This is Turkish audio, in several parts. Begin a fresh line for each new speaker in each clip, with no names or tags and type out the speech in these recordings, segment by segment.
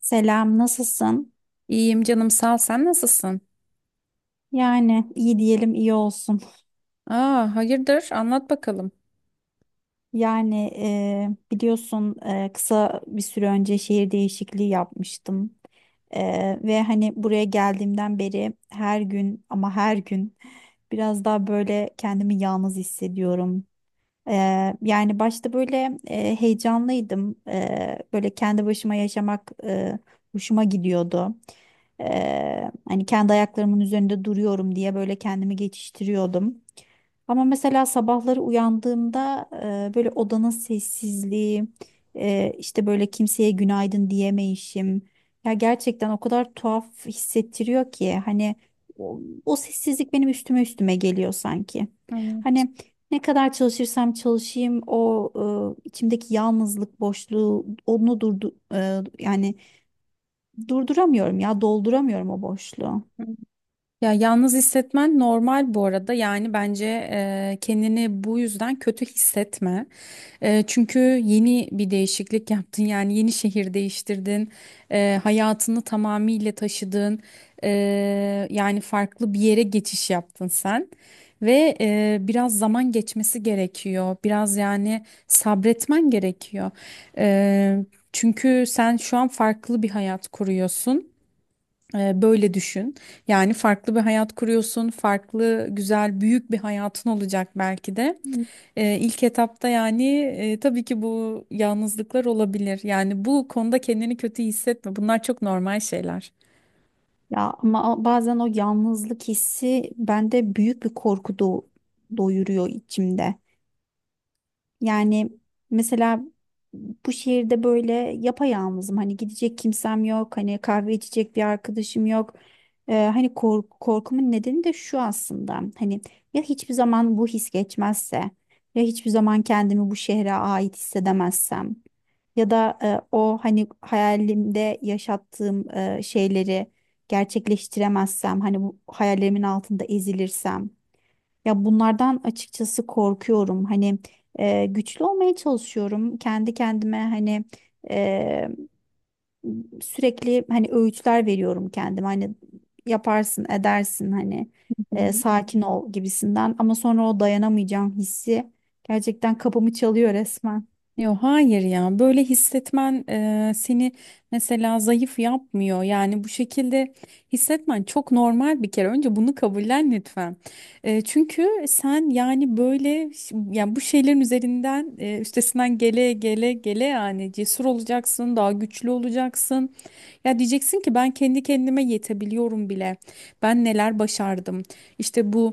Selam, nasılsın?
İyiyim canım sağ ol. Sen nasılsın?
Yani iyi diyelim iyi olsun.
Aa, hayırdır? Anlat bakalım.
Yani biliyorsun kısa bir süre önce şehir değişikliği yapmıştım. Ve hani buraya geldiğimden beri her gün ama her gün biraz daha böyle kendimi yalnız hissediyorum. E, yani başta böyle heyecanlıydım. Böyle kendi başıma yaşamak hoşuma gidiyordu. Hani kendi ayaklarımın üzerinde duruyorum diye böyle kendimi geçiştiriyordum. Ama mesela sabahları uyandığımda böyle odanın sessizliği, işte böyle kimseye günaydın diyemeyişim. Ya gerçekten o kadar tuhaf hissettiriyor ki hani o, o sessizlik benim üstüme üstüme geliyor sanki.
Hı
Hani ne kadar çalışırsam çalışayım o içimdeki yalnızlık boşluğu onu yani durduramıyorum ya dolduramıyorum o boşluğu.
hı. Ya yalnız hissetmen normal bu arada. Yani bence kendini bu yüzden kötü hissetme. Çünkü yeni bir değişiklik yaptın. Yani yeni şehir değiştirdin. Hayatını tamamıyla taşıdın. Eee, yani farklı bir yere geçiş yaptın sen. Ve biraz zaman geçmesi gerekiyor. Biraz yani sabretmen gerekiyor. Eee, çünkü sen şu an farklı bir hayat kuruyorsun. Böyle düşün. Yani farklı bir hayat kuruyorsun, farklı, güzel, büyük bir hayatın olacak belki de. İlk etapta yani tabii ki bu yalnızlıklar olabilir. Yani bu konuda kendini kötü hissetme. Bunlar çok normal şeyler.
Ya ama bazen o yalnızlık hissi bende büyük bir korku doyuruyor içimde. Yani mesela bu şehirde böyle yapayalnızım. Hani gidecek kimsem yok. Hani kahve içecek bir arkadaşım yok. Hani korkumun nedeni de şu aslında. Hani ya hiçbir zaman bu his geçmezse ya hiçbir zaman kendimi bu şehre ait hissedemezsem. Ya da o hani hayalimde yaşattığım şeyleri gerçekleştiremezsem, hani bu hayallerimin altında ezilirsem. Ya bunlardan açıkçası korkuyorum. Hani güçlü olmaya çalışıyorum. Kendi kendime hani e, sürekli hani öğütler veriyorum kendime. Hani yaparsın, edersin, sakin ol gibisinden. Ama sonra o dayanamayacağım hissi gerçekten kapımı çalıyor resmen.
Yok hayır ya böyle hissetmen seni mesela zayıf yapmıyor. Yani bu şekilde hissetmen çok normal, bir kere önce bunu kabullen lütfen. Çünkü sen yani yani bu şeylerin üstesinden gele gele gele yani cesur olacaksın, daha güçlü olacaksın. Ya diyeceksin ki ben kendi kendime yetebiliyorum bile, ben neler başardım, işte bu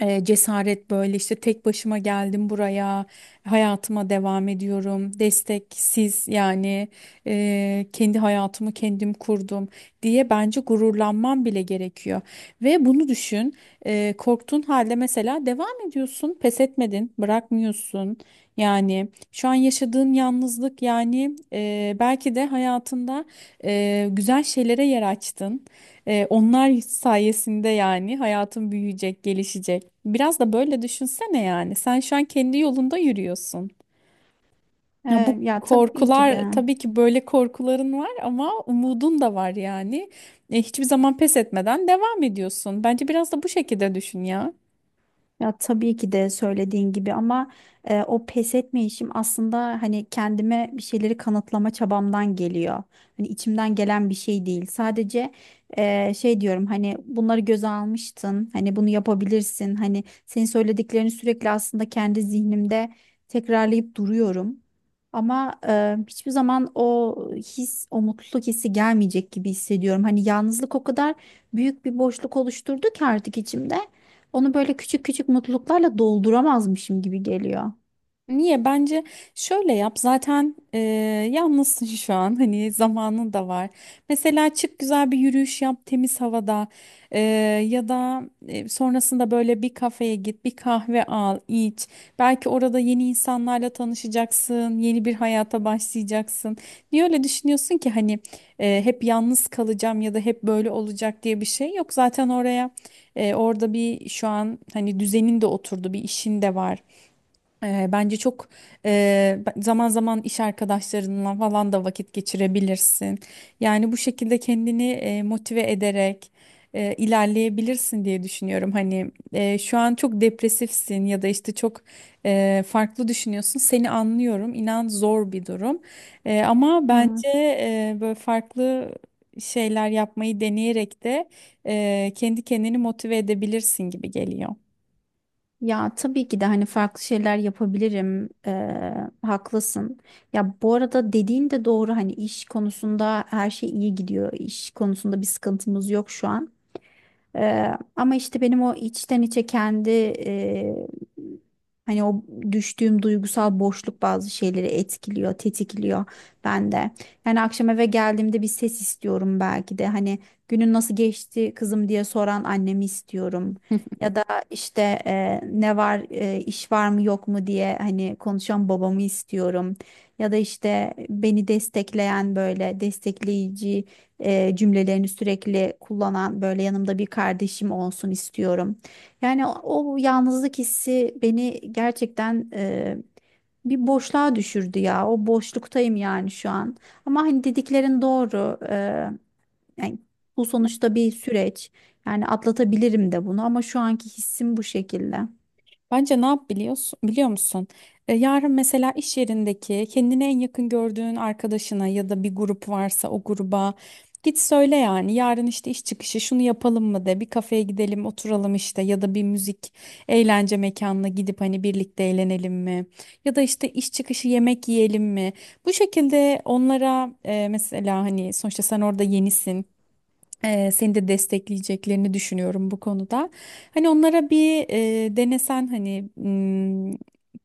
cesaret. Böyle işte tek başıma geldim buraya, hayatıma devam ediyorum desteksiz yani, kendi hayatımı kendim kurdum diye bence gururlanman bile gerekiyor. Ve bunu düşün, korktuğun halde mesela devam ediyorsun, pes etmedin, bırakmıyorsun. Yani şu an yaşadığın yalnızlık, yani belki de hayatında güzel şeylere yer açtın. Onlar sayesinde yani hayatın büyüyecek, gelişecek. Biraz da böyle düşünsene yani. Sen şu an kendi yolunda yürüyorsun.
E,
Ya bu
ya tabii ki
korkular,
de.
tabii ki böyle korkuların var ama umudun da var yani. Hiçbir zaman pes etmeden devam ediyorsun. Bence biraz da bu şekilde düşün ya.
Ya tabii ki de söylediğin gibi ama o pes etme aslında hani kendime bir şeyleri kanıtlama çabamdan geliyor. Hani içimden gelen bir şey değil. Sadece şey diyorum hani bunları göze almıştın. Hani bunu yapabilirsin. Hani senin söylediklerini sürekli aslında kendi zihnimde tekrarlayıp duruyorum. Ama hiçbir zaman o his, o mutluluk hissi gelmeyecek gibi hissediyorum. Hani yalnızlık o kadar büyük bir boşluk oluşturdu ki artık içimde. Onu böyle küçük küçük mutluluklarla dolduramazmışım gibi geliyor.
Niye? Bence şöyle yap. Zaten yalnızsın şu an. Hani zamanın da var. Mesela çık, güzel bir yürüyüş yap temiz havada. E, ya da sonrasında böyle bir kafeye git, bir kahve al, iç. Belki orada yeni insanlarla tanışacaksın, yeni bir hayata başlayacaksın. Niye öyle düşünüyorsun ki? Hani hep yalnız kalacağım ya da hep böyle olacak diye bir şey yok. Zaten orada bir şu an hani düzenin de oturdu, bir işin de var. Bence çok eee, zaman zaman iş arkadaşlarınla falan da vakit geçirebilirsin. Yani bu şekilde kendini motive ederek ilerleyebilirsin diye düşünüyorum. Hani şu an çok depresifsin ya da işte çok farklı düşünüyorsun. Seni anlıyorum. İnan zor bir durum. Ama bence
Evet.
böyle farklı şeyler yapmayı deneyerek de kendi kendini motive edebilirsin gibi geliyor.
Ya tabii ki de hani farklı şeyler yapabilirim. Haklısın. Ya bu arada dediğin de doğru hani iş konusunda her şey iyi gidiyor. İş konusunda bir sıkıntımız yok şu an. Ama işte benim o içten içe kendi hani o düştüğüm duygusal boşluk bazı şeyleri etkiliyor, tetikliyor bende. Yani akşam eve geldiğimde bir ses istiyorum belki de hani günün nasıl geçti kızım diye soran annemi istiyorum. Ya da işte ne var iş var mı yok mu diye hani konuşan babamı istiyorum. Ya da işte beni destekleyen böyle destekleyici cümlelerini sürekli kullanan böyle yanımda bir kardeşim olsun istiyorum. Yani o yalnızlık hissi beni gerçekten bir boşluğa düşürdü ya. O boşluktayım yani şu an. Ama hani dediklerin doğru. Yani bu sonuçta bir süreç. Yani atlatabilirim de bunu ama şu anki hissim bu şekilde.
Bence ne yap biliyorsun, biliyor musun? Yarın mesela iş yerindeki kendine en yakın gördüğün arkadaşına ya da bir grup varsa o gruba git söyle yani. Yarın işte iş çıkışı şunu yapalım mı de, bir kafeye gidelim oturalım işte, ya da bir müzik eğlence mekanına gidip hani birlikte eğlenelim mi? Ya da işte iş çıkışı yemek yiyelim mi? Bu şekilde onlara mesela, hani sonuçta sen orada yenisin. Seni de destekleyeceklerini düşünüyorum bu konuda. Hani onlara bir, denesen hani,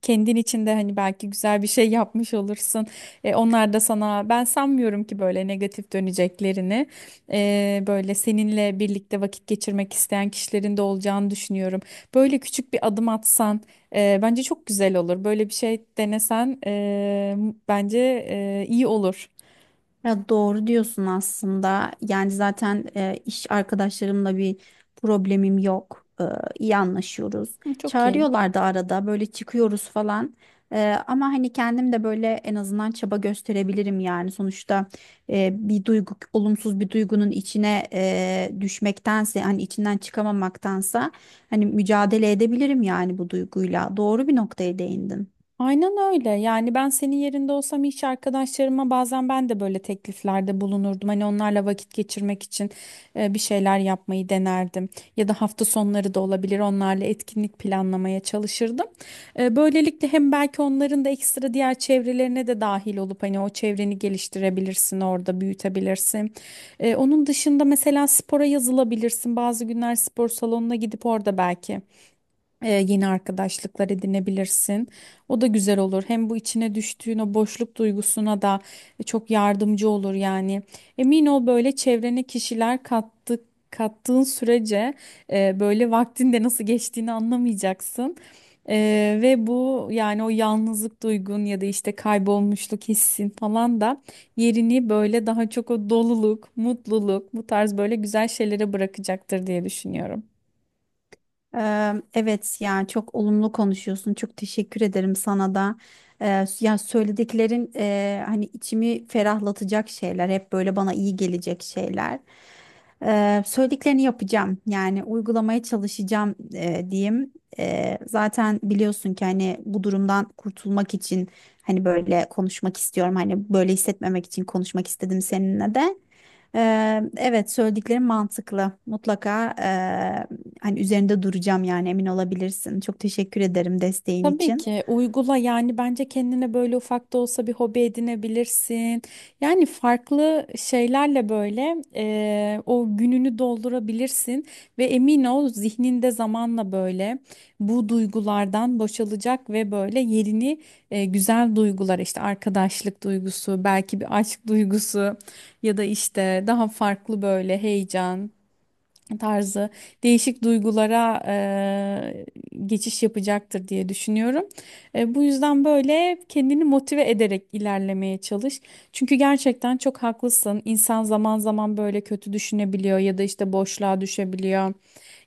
kendin içinde hani belki güzel bir şey yapmış olursun. Onlar da sana, ben sanmıyorum ki böyle negatif döneceklerini. Böyle seninle birlikte vakit geçirmek isteyen kişilerin de olacağını düşünüyorum. Böyle küçük bir adım atsan bence çok güzel olur. Böyle bir şey denesen bence iyi olur.
Ya doğru diyorsun aslında. Yani zaten iş arkadaşlarımla bir problemim yok. E, iyi anlaşıyoruz.
Hı, çok iyi.
Çağırıyorlar da arada böyle çıkıyoruz falan. E, ama hani kendim de böyle en azından çaba gösterebilirim yani. Sonuçta bir duygu, olumsuz bir duygunun içine düşmektense hani içinden çıkamamaktansa hani mücadele edebilirim yani bu duyguyla. Doğru bir noktaya değindin.
Aynen öyle. Yani ben senin yerinde olsam iş arkadaşlarıma bazen ben de böyle tekliflerde bulunurdum. Hani onlarla vakit geçirmek için bir şeyler yapmayı denerdim. Ya da hafta sonları da olabilir. Onlarla etkinlik planlamaya çalışırdım. Böylelikle hem belki onların da ekstra diğer çevrelerine de dahil olup hani o çevreni geliştirebilirsin, orada büyütebilirsin. Onun dışında mesela spora yazılabilirsin. Bazı günler spor salonuna gidip orada belki yeni arkadaşlıklar edinebilirsin. O da güzel olur. Hem bu içine düştüğün o boşluk duygusuna da çok yardımcı olur yani. Emin ol, böyle çevrene kişiler kattık kattığın sürece böyle vaktin de nasıl geçtiğini anlamayacaksın. Ve bu yani o yalnızlık duygun ya da işte kaybolmuşluk hissin falan da yerini böyle daha çok o doluluk, mutluluk, bu tarz böyle güzel şeylere bırakacaktır diye düşünüyorum.
Evet yani çok olumlu konuşuyorsun. Çok teşekkür ederim sana da. Yani söylediklerin hani içimi ferahlatacak şeyler, hep böyle bana iyi gelecek şeyler. Söylediklerini yapacağım. Yani uygulamaya çalışacağım diyeyim. Zaten biliyorsun ki hani bu durumdan kurtulmak için hani böyle konuşmak istiyorum. Hani böyle hissetmemek için konuşmak istedim seninle de. Eee, evet söylediklerim mantıklı. Mutlaka hani üzerinde duracağım yani emin olabilirsin. Çok teşekkür ederim desteğin
Tabii
için.
ki uygula yani. Bence kendine böyle ufak da olsa bir hobi edinebilirsin. Yani farklı şeylerle böyle o gününü doldurabilirsin ve emin ol, zihninde zamanla böyle bu duygulardan boşalacak ve böyle yerini güzel duygular, işte arkadaşlık duygusu, belki bir aşk duygusu, ya da işte daha farklı böyle heyecan tarzı değişik duygulara geçiş yapacaktır diye düşünüyorum. Bu yüzden böyle kendini motive ederek ilerlemeye çalış. Çünkü gerçekten çok haklısın. İnsan zaman zaman böyle kötü düşünebiliyor ya da işte boşluğa düşebiliyor.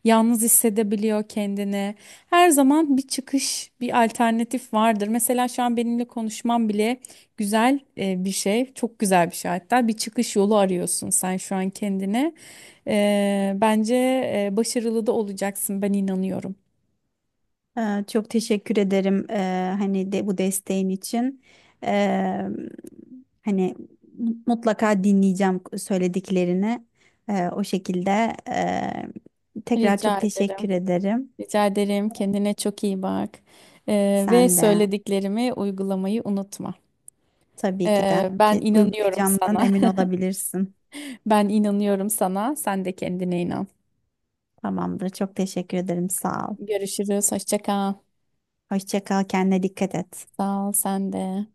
Yalnız hissedebiliyor kendini. Her zaman bir çıkış, bir alternatif vardır. Mesela şu an benimle konuşmam bile güzel bir şey, çok güzel bir şey hatta. Bir çıkış yolu arıyorsun sen şu an kendine. Bence başarılı da olacaksın. Ben inanıyorum.
Çok teşekkür ederim hani de bu desteğin için. Ee, hani mutlaka dinleyeceğim söylediklerini. O şekilde tekrar
Rica
çok teşekkür
ederim.
ederim.
Rica ederim. Kendine çok iyi bak. Ve
Sen de
söylediklerimi uygulamayı unutma.
tabii ki de
Ben
ki
inanıyorum
uygulayacağımdan
sana.
emin olabilirsin.
Ben inanıyorum sana. Sen de kendine inan.
Tamamdır. Çok teşekkür ederim. Sağ ol.
Görüşürüz. Hoşça kal.
Hoşça kal. Kendine dikkat et.
Sağ ol. Sen de.